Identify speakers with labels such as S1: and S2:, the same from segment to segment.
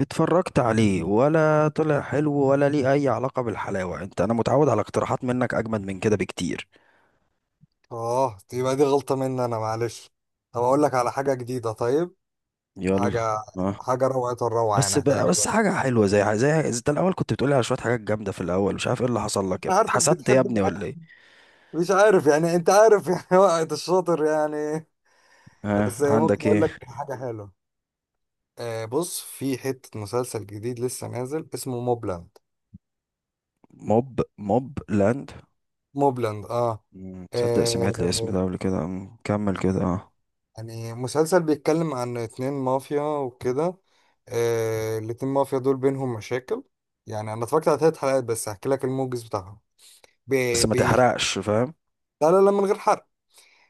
S1: اتفرجت عليه ولا طلع حلو ولا ليه اي علاقة بالحلاوة؟ انت انا متعود على اقتراحات منك اجمد من كده بكتير.
S2: اه دي يبقى غلطة مني انا، معلش. طب اقول لك على حاجة جديدة؟ طيب.
S1: يلا.
S2: حاجة.
S1: اه.
S2: حاجة روعة الروعة، يعني
S1: بس بقى
S2: هتعجبك.
S1: حاجة حلوة زي زي الاول كنت بتقولي على شوية حاجات جامدة في الاول، مش عارف ايه اللي حصل لك يا
S2: انا
S1: ابني.
S2: عارفك
S1: حسدت يا
S2: بتحب
S1: ابني
S2: الاكل.
S1: ولا ايه؟
S2: مش عارف، يعني انت عارف يعني وقت الشاطر يعني.
S1: ها،
S2: بس ممكن
S1: عندك
S2: اقول
S1: ايه؟
S2: لك حاجة حلوة؟ آه، بص، في حتة مسلسل جديد لسه نازل اسمه موبلاند.
S1: موب لاند؟
S2: موبلاند اه.
S1: تصدق سمعت الاسم
S2: آه،
S1: ده قبل كده. كمل كده. اه.
S2: يعني مسلسل بيتكلم عن اتنين مافيا وكده. آه، الاتنين مافيا دول بينهم مشاكل. يعني انا اتفرجت على ثلاث حلقات بس، هحكي لك الموجز بتاعهم.
S1: بس
S2: بي
S1: ما
S2: بي
S1: تحرقش، فاهم.
S2: لا لا لا، من غير حرق.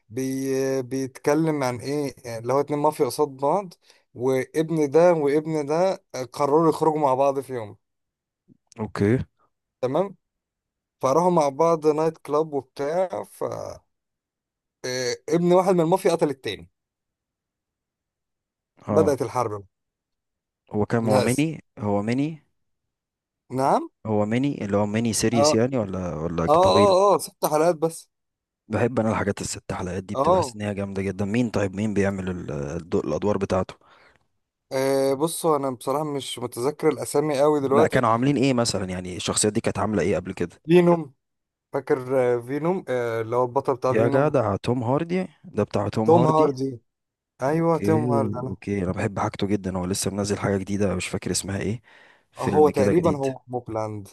S2: بي بيتكلم عن ايه، يعني اللي هو اتنين مافيا قصاد بعض، وابن ده وابن ده قرروا يخرجوا مع بعض في يوم.
S1: اوكي.
S2: تمام. فراحوا مع بعض نايت كلاب وبتاع. ف إيه، ابن واحد من المافيا قتل التاني.
S1: اه.
S2: بدأت الحرب.
S1: هو كام هو
S2: ناس.
S1: ميني هو ميني
S2: نعم.
S1: هو ميني اللي هو ميني
S2: اه
S1: سيريس
S2: اه.
S1: يعني ولا طويل؟
S2: اه، ست حلقات بس.
S1: بحب انا الحاجات الست حلقات دي، بتبقى حاسس
S2: اه.
S1: ان هي جامده جدا. مين طيب، مين بيعمل الادوار بتاعته؟
S2: آه، بصوا، انا بصراحة مش متذكر الاسامي قوي
S1: لا
S2: دلوقتي.
S1: كانوا عاملين ايه مثلا؟ يعني الشخصيات دي كانت عامله ايه قبل كده؟
S2: فينوم. فاكر آه، فينوم، آه، اللي هو البطل بتاع
S1: يا
S2: فينوم.
S1: جدع توم هاردي، ده بتاع توم
S2: توم
S1: هاردي.
S2: هاردي. ايوه توم
S1: اوكي.
S2: هاردي انا.
S1: اوكي، انا بحب حاجته جدا. هو لسه منزل حاجه جديده مش فاكر اسمها ايه،
S2: آه، هو
S1: فيلم كده
S2: تقريبا
S1: جديد.
S2: هو موبلاند.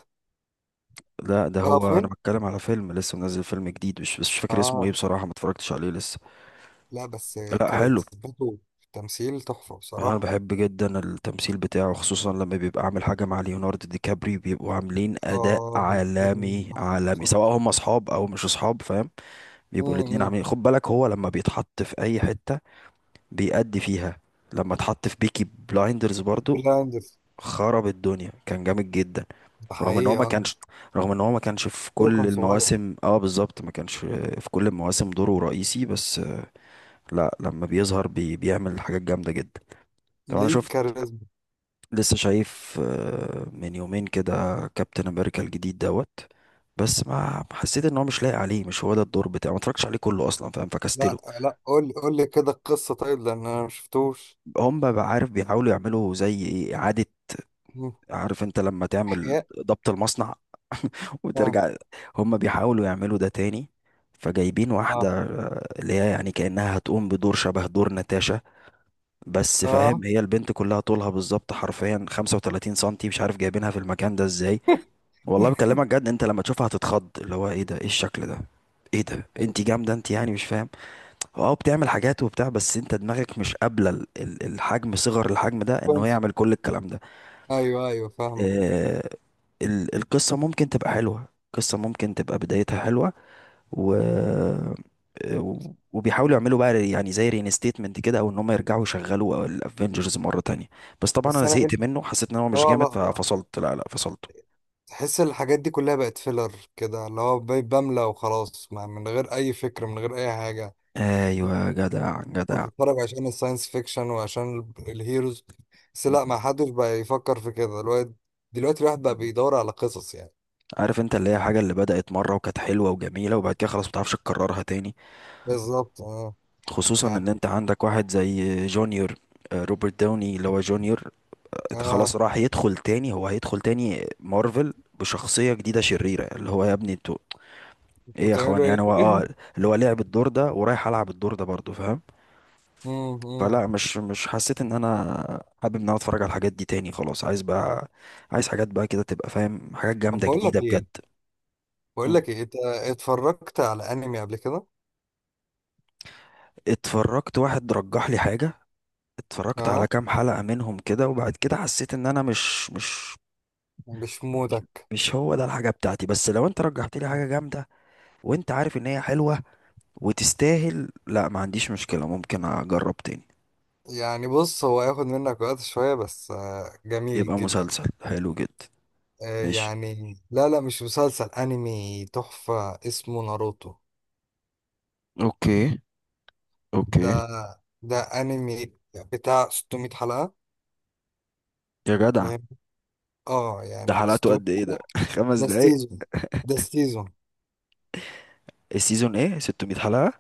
S1: لا ده
S2: اه
S1: هو
S2: فين.
S1: انا بتكلم على فيلم لسه منزل، فيلم جديد مش بس مش فاكر اسمه ايه
S2: اه.
S1: بصراحه، ما اتفرجتش عليه لسه.
S2: لا بس
S1: لا حلو.
S2: كاريزمته في التمثيل تحفه
S1: انا
S2: بصراحه.
S1: بحب جدا التمثيل بتاعه، خصوصا لما بيبقى عامل حاجه مع ليوناردو دي كابريو، بيبقوا عاملين اداء
S2: اه الاتنين
S1: عالمي
S2: تحفة
S1: عالمي
S2: بصراحه.
S1: سواء هم اصحاب او مش اصحاب، فاهم. بيبقوا الاتنين
S2: امم
S1: عاملين، خد بالك هو لما بيتحط في اي حته بيأدي فيها. لما اتحط في بيكي بلايندرز برضو،
S2: بلاندرز.
S1: خرب الدنيا، كان جامد جدا.
S2: ده
S1: رغم ان هو
S2: حقيقي
S1: ما
S2: اه.
S1: كانش رغم ان هو ما كانش في
S2: دوره
S1: كل
S2: كان صغير.
S1: المواسم. اه بالظبط، ما كانش في كل المواسم دوره رئيسي بس، لا لما بيظهر بيعمل حاجات جامده جدا. طب انا
S2: ليه
S1: شفت،
S2: كاريزما.
S1: لسه شايف من يومين كده، كابتن امريكا الجديد دوت. بس ما حسيت ان هو مش لايق عليه، مش هو ده الدور بتاعه. ما اتفرجتش عليه كله اصلا، فاهم،
S2: لا
S1: فكستله.
S2: لا، قول لي قول لي كده القصه طيب، لان انا ما شفتوش.
S1: هم بقى عارف بيحاولوا يعملوا زي ايه، اعاده.
S2: مم.
S1: عارف انت لما تعمل
S2: احياء.
S1: ضبط المصنع
S2: اه.
S1: وترجع، هم بيحاولوا يعملوا ده تاني. فجايبين واحدة
S2: اه.
S1: اللي هي يعني كأنها هتقوم بدور شبه دور ناتاشا، بس فاهم
S2: اه.
S1: هي البنت كلها طولها بالظبط حرفيا 35 سنتي، مش عارف جايبينها في المكان ده ازاي. والله بكلمك جد، انت لما تشوفها هتتخض اللي هو ايه ده، ايه الشكل ده، ايه ده،
S2: حلو.
S1: انت جامده انت يعني، مش فاهم. اه بتعمل حاجات وبتاع، بس انت دماغك مش قابله الحجم، صغر الحجم ده، ان هو
S2: كويس.
S1: يعمل كل الكلام ده.
S2: ايوه ايوه فاهمه.
S1: اه. القصه ممكن تبقى حلوه، القصه ممكن تبقى بدايتها حلوه. و اه، وبيحاولوا يعملوا بقى يعني زي رينستيتمنت كده، او ان هم يرجعوا يشغلوا الافنجرز مره تانية. بس طبعا
S2: بس
S1: انا
S2: انا في.
S1: زهقت منه، حسيت ان هو مش
S2: اه
S1: جامد
S2: لا لا.
S1: ففصلت. لا فصلته.
S2: تحس الحاجات دي كلها بقت فيلر كده، اللي هو بملى وخلاص، من غير اي فكرة من غير اي حاجة.
S1: ايوه جدع.
S2: بتتفرج عشان الساينس فيكشن وعشان الهيروز. بس لا، ما حدش بقى يفكر في كده الواد. دلوقتي الواحد بقى
S1: مم.
S2: بيدور على قصص يعني.
S1: عارف انت اللي هي الحاجة اللي بدأت مرة وكانت حلوة وجميلة، وبعد كده خلاص متعرفش تكررها تاني،
S2: بالظبط اه.
S1: خصوصا
S2: يعني.
S1: ان انت عندك واحد زي جونيور، روبرت داوني اللي هو جونيور. خلاص
S2: اه.
S1: راح يدخل تاني، هو هيدخل تاني مارفل بشخصية جديدة شريرة، اللي هو يا ابني انتوا
S2: انتوا
S1: ايه يا اخوان،
S2: بتعملوا ايه؟
S1: يعني هو اه اللي هو لعب الدور ده ورايح العب الدور ده برضه، فاهم.
S2: مم، مم.
S1: فلا مش حسيت ان انا حابب ان انا اتفرج على الحاجات دي تاني، خلاص عايز بقى، عايز حاجات بقى كده تبقى فاهم، حاجات
S2: طب
S1: جامدة
S2: بقول
S1: جديدة
S2: لك
S1: بجد.
S2: ايه؟ بقول
S1: مم.
S2: لك ايه، انت اتفرجت على انمي قبل كده؟
S1: اتفرجت، واحد رجح لي حاجة، اتفرجت
S2: اه.
S1: على كام حلقة منهم كده وبعد كده حسيت ان انا مش مش
S2: مش مودك.
S1: مش هو ده الحاجة بتاعتي. بس لو انت رجحت لي حاجة جامدة وانت عارف ان هي حلوة وتستاهل، لا ما عنديش مشكلة، ممكن اجرب تاني.
S2: يعني بص، هو هياخد منك وقت شوية بس آه، جميل
S1: يبقى
S2: جدا.
S1: مسلسل حلو جدا.
S2: آه،
S1: ماشي.
S2: يعني لا، مش مسلسل، انمي تحفة اسمه ناروتو.
S1: اوكي.
S2: ده.
S1: اوكي.
S2: ده انمي بتاع 600 حلقة.
S1: يا جدع،
S2: فاهم. اه
S1: ده
S2: يعني
S1: حلقته
S2: 600
S1: قد ايه ده؟
S2: حلقة.
S1: خمس
S2: ده
S1: دقايق؟
S2: السيزون. ده السيزون.
S1: السيزون ايه، 600 حلقة؟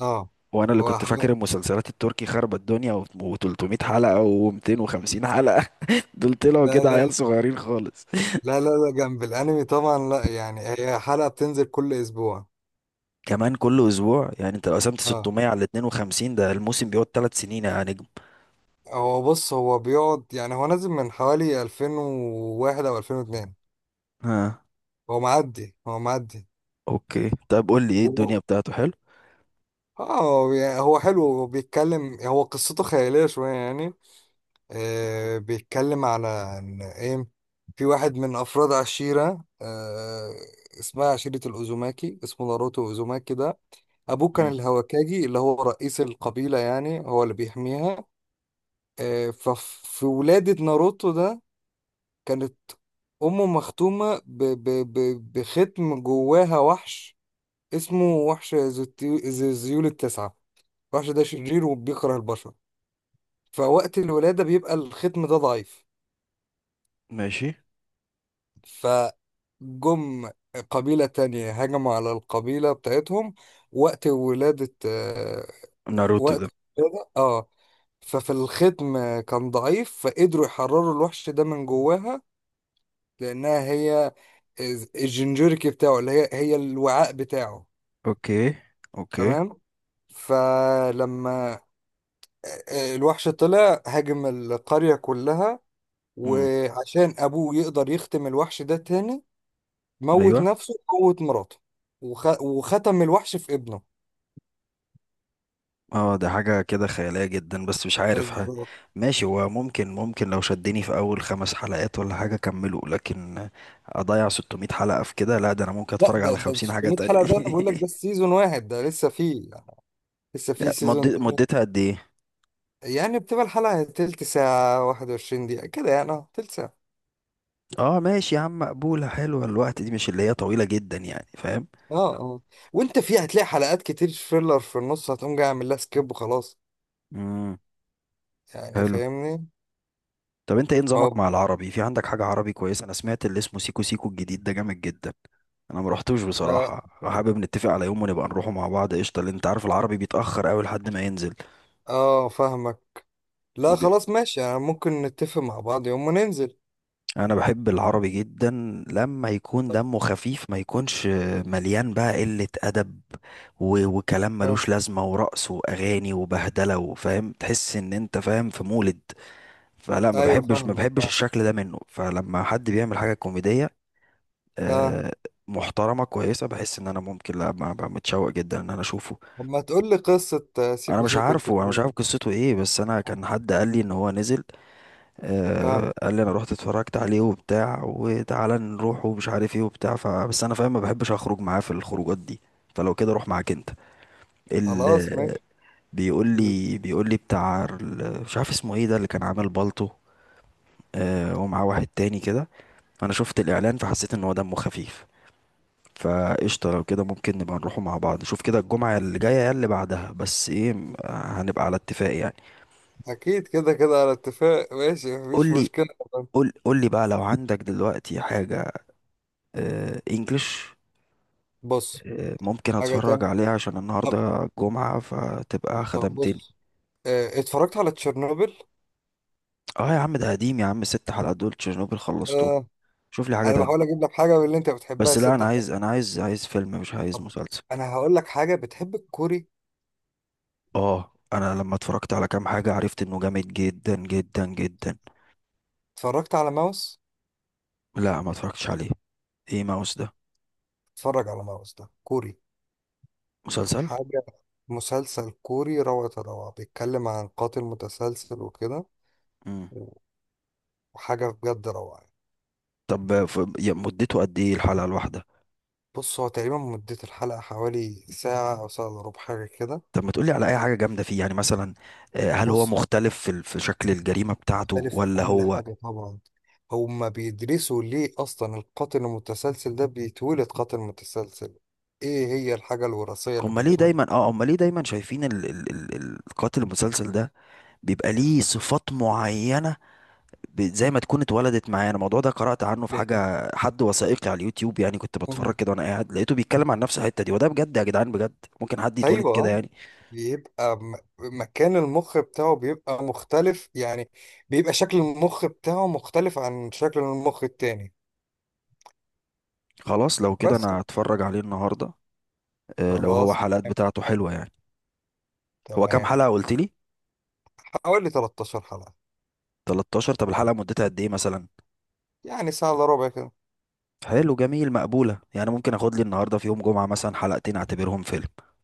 S2: اه
S1: وانا اللي
S2: هو
S1: كنت فاكر
S2: حلقة.
S1: المسلسلات التركي خربت الدنيا و300 حلقة و250 حلقة. دول طلعوا
S2: لا
S1: كده عيال
S2: لا
S1: صغيرين خالص.
S2: لا جنب الانمي طبعا، لا، يعني هي حلقة بتنزل كل اسبوع.
S1: كمان كل اسبوع؟ يعني انت لو قسمت
S2: اه.
S1: 600 على 52، ده الموسم بيقعد 3 سنين يا نجم.
S2: هو بص، هو بيقعد، يعني هو نازل من حوالي 2001 او 2002.
S1: ها.
S2: هو معدي هو معدي.
S1: اوكي طيب، قول لي ايه
S2: و-
S1: الدنيا بتاعته، حلو.
S2: اه هو يعني هو حلو، هو بيتكلم، هو قصته خيالية شوية يعني.
S1: مم.
S2: آه، بيتكلم على ان ايه، في واحد من افراد عشيرة آه، اسمها عشيرة الأوزوماكي، اسمه ناروتو أوزوماكي ده. أبوه كان
S1: مم.
S2: الهوكاجي، اللي هو رئيس القبيلة يعني، هو اللي بيحميها. آه ففي ولادة ناروتو ده كانت أمه مختومة ب بختم جواها وحش. اسمه وحش ذي الذيول التسعة. الوحش ده شرير وبيكره البشر. فوقت الولادة بيبقى الختم ده ضعيف.
S1: ماشي.
S2: فجم قبيلة تانية هجموا على القبيلة بتاعتهم وقت ولادة آه،
S1: ناروتو ده.
S2: وقت الولادة اه. ففي الختم كان ضعيف، فقدروا يحرروا الوحش ده من جواها، لأنها هي الجنجوريكي بتاعه، اللي هي هي الوعاء بتاعه.
S1: اوكي. اوكي.
S2: تمام. فلما آه، آه، الوحش طلع هاجم القرية كلها،
S1: مم.
S2: وعشان أبوه يقدر يختم الوحش ده تاني، موت
S1: ايوه.
S2: نفسه وموت مراته وختم الوحش في ابنه.
S1: اه ده حاجة كده خيالية جدا بس مش عارف، ها.
S2: بالظبط.
S1: ماشي، هو ممكن ممكن لو شدني في اول خمس حلقات ولا حاجة اكمله، لكن اضيع 600 حلقة في كده؟ لا ده انا ممكن
S2: لا
S1: اتفرج
S2: ده،
S1: على
S2: ده
S1: 50 حاجة
S2: 600 حلقة
S1: تانية.
S2: ده انا بقول لك ده سيزون واحد، ده لسه فيه يعني، لسه فيه
S1: لا،
S2: سيزون
S1: مد-
S2: تاني.
S1: مدتها قد ايه؟
S2: يعني بتبقى الحلقة تلت ساعة، 21 دقيقة كده يعني، اه تلت ساعة.
S1: اه ماشي يا عم، مقبولة حلوة الوقت دي، مش اللي هي طويلة جدا يعني، فاهم.
S2: اه اه. وانت فيه هتلاقي حلقات كتير فيلر في النص، هتقوم جاي عامل لها سكيب وخلاص.
S1: امم.
S2: يعني
S1: حلو.
S2: فاهمني؟
S1: طب انت ايه نظامك
S2: اه.
S1: مع العربي؟ في عندك حاجة عربي كويسة؟ انا سمعت اللي اسمه سيكو سيكو الجديد ده جامد جدا. انا ما رحتوش
S2: لا.
S1: بصراحة، حابب نتفق على يوم ونبقى نروحه مع بعض، قشطة، لان انت عارف العربي بيتأخر قوي لحد ما ينزل.
S2: اه فاهمك. لا
S1: وبي-
S2: خلاص ماشي، يعني ممكن نتفق مع بعض يوم وننزل.
S1: انا بحب العربي جدا لما يكون دمه خفيف، ما يكونش مليان بقى قلة ادب وكلام
S2: آه.
S1: ملوش لازمة ورقص واغاني وبهدلة وفاهم، تحس ان انت فاهم في مولد. فلا، ما
S2: ايوه
S1: بحبش ما
S2: فاهمك
S1: بحبش
S2: فاهم.
S1: الشكل ده منه. فلما حد بيعمل حاجة كوميدية
S2: اه.
S1: آه، محترمة كويسة، بحس ان انا ممكن لا، متشوق جدا ان انا اشوفه.
S2: طب ما تقول لي قصة آه،
S1: انا
S2: سيكو
S1: مش
S2: سيكو ده.
S1: عارفه، انا مش عارف قصته ايه، بس انا كان حد قال لي ان هو نزل،
S2: ها.
S1: قال لي انا رحت اتفرجت عليه وبتاع وتعالى نروح ومش عارف ايه وبتاع، فبس انا فاهم ما بحبش اخرج معاه في الخروجات دي. فلو كده روح معاك انت. ال،
S2: خلاص ماشي.
S1: بيقول لي بتاع مش عارف اسمه ايه ده، اللي كان عامل بالطو ومعاه واحد تاني كده. فانا شفت الاعلان فحسيت ان هو دمه خفيف، فقشطة لو كده ممكن نبقى نروحوا مع بعض، شوف كده الجمعة اللي جاية يا اللي بعدها، بس ايه هنبقى على اتفاق يعني.
S2: أكيد كده كده على اتفاق، ماشي مفيش
S1: قول لي،
S2: مشكلة.
S1: قول لي بقى لو عندك دلوقتي حاجة. آه انجلش،
S2: بص.
S1: آه ممكن
S2: حاجة
S1: اتفرج
S2: تانية.
S1: عليها عشان
S2: طب.
S1: النهاردة جمعة فتبقى
S2: طب
S1: خدمتني.
S2: بص، آه، اتفرجت على تشيرنوبل؟
S1: اه يا عم ده قديم يا عم، ست حلقات دول تشيرنوبل، خلصتهم.
S2: آه.
S1: شوف لي حاجة
S2: أنا بحاول
S1: تانية.
S2: أجيب لك حاجة من اللي أنت بتحبها،
S1: بس لا
S2: الست
S1: انا عايز،
S2: حاجات.
S1: انا عايز فيلم مش عايز
S2: طب
S1: مسلسل.
S2: أنا هقول لك حاجة، بتحب الكوري؟
S1: اه انا لما اتفرجت على كام حاجة عرفت انه جامد جدا جدا جدا.
S2: اتفرجت على ماوس؟
S1: لا ما اتفرجتش عليه، ايه ماوس ده؟
S2: اتفرج على ماوس، ده كوري.
S1: مسلسل.
S2: حاجة. مسلسل كوري، روعة الروعة، بيتكلم عن قاتل متسلسل وكده.
S1: امم.
S2: وحاجة بجد روعة.
S1: طب مدته قد ايه الحلقة الواحدة؟
S2: بص، هو تقريبا مدة الحلقة حوالي ساعة أو ساعة إلا ربع، حاجة كده.
S1: طب ما تقولي على اي حاجة جامدة فيه يعني مثلا، هل هو
S2: بص،
S1: مختلف في في شكل الجريمة بتاعته
S2: مختلف في
S1: ولا
S2: كل
S1: هو؟
S2: حاجة طبعا. هما بيدرسوا ليه أصلا القاتل المتسلسل ده بيتولد قاتل متسلسل. إيه هي الحاجة الوراثية اللي
S1: هما ليه
S2: بيتولد؟
S1: دايما، اه هما ليه دايما شايفين ال القاتل المسلسل ده بيبقى ليه صفات معينة، زي ما تكون اتولدت معاه؟ انا الموضوع ده قرأت عنه في حاجة حد وثائقي على اليوتيوب، يعني كنت بتفرج
S2: لأنهم.
S1: كده وانا قاعد لقيته بيتكلم عن نفس الحتة دي، وده بجد يا جدعان بجد، ممكن حد يتولد كده
S2: أيوه.
S1: يعني؟
S2: بيبقى مكان المخ بتاعه بيبقى مختلف، يعني بيبقى شكل المخ بتاعه مختلف عن شكل المخ التاني.
S1: خلاص لو كده
S2: بس.
S1: انا هتفرج عليه النهارده، لو هو
S2: خلاص.
S1: حلقات بتاعته حلوه يعني. هو كام
S2: تمام.
S1: حلقه قلت لي؟
S2: حوالي 13 حلقة.
S1: 13؟ طب الحلقه مدتها قد ايه مثلا؟
S2: يعني ساعة إلا ربع كده.
S1: حلو جميل، مقبوله يعني، ممكن اخد لي النهارده في يوم جمعه مثلا حلقتين اعتبرهم فيلم.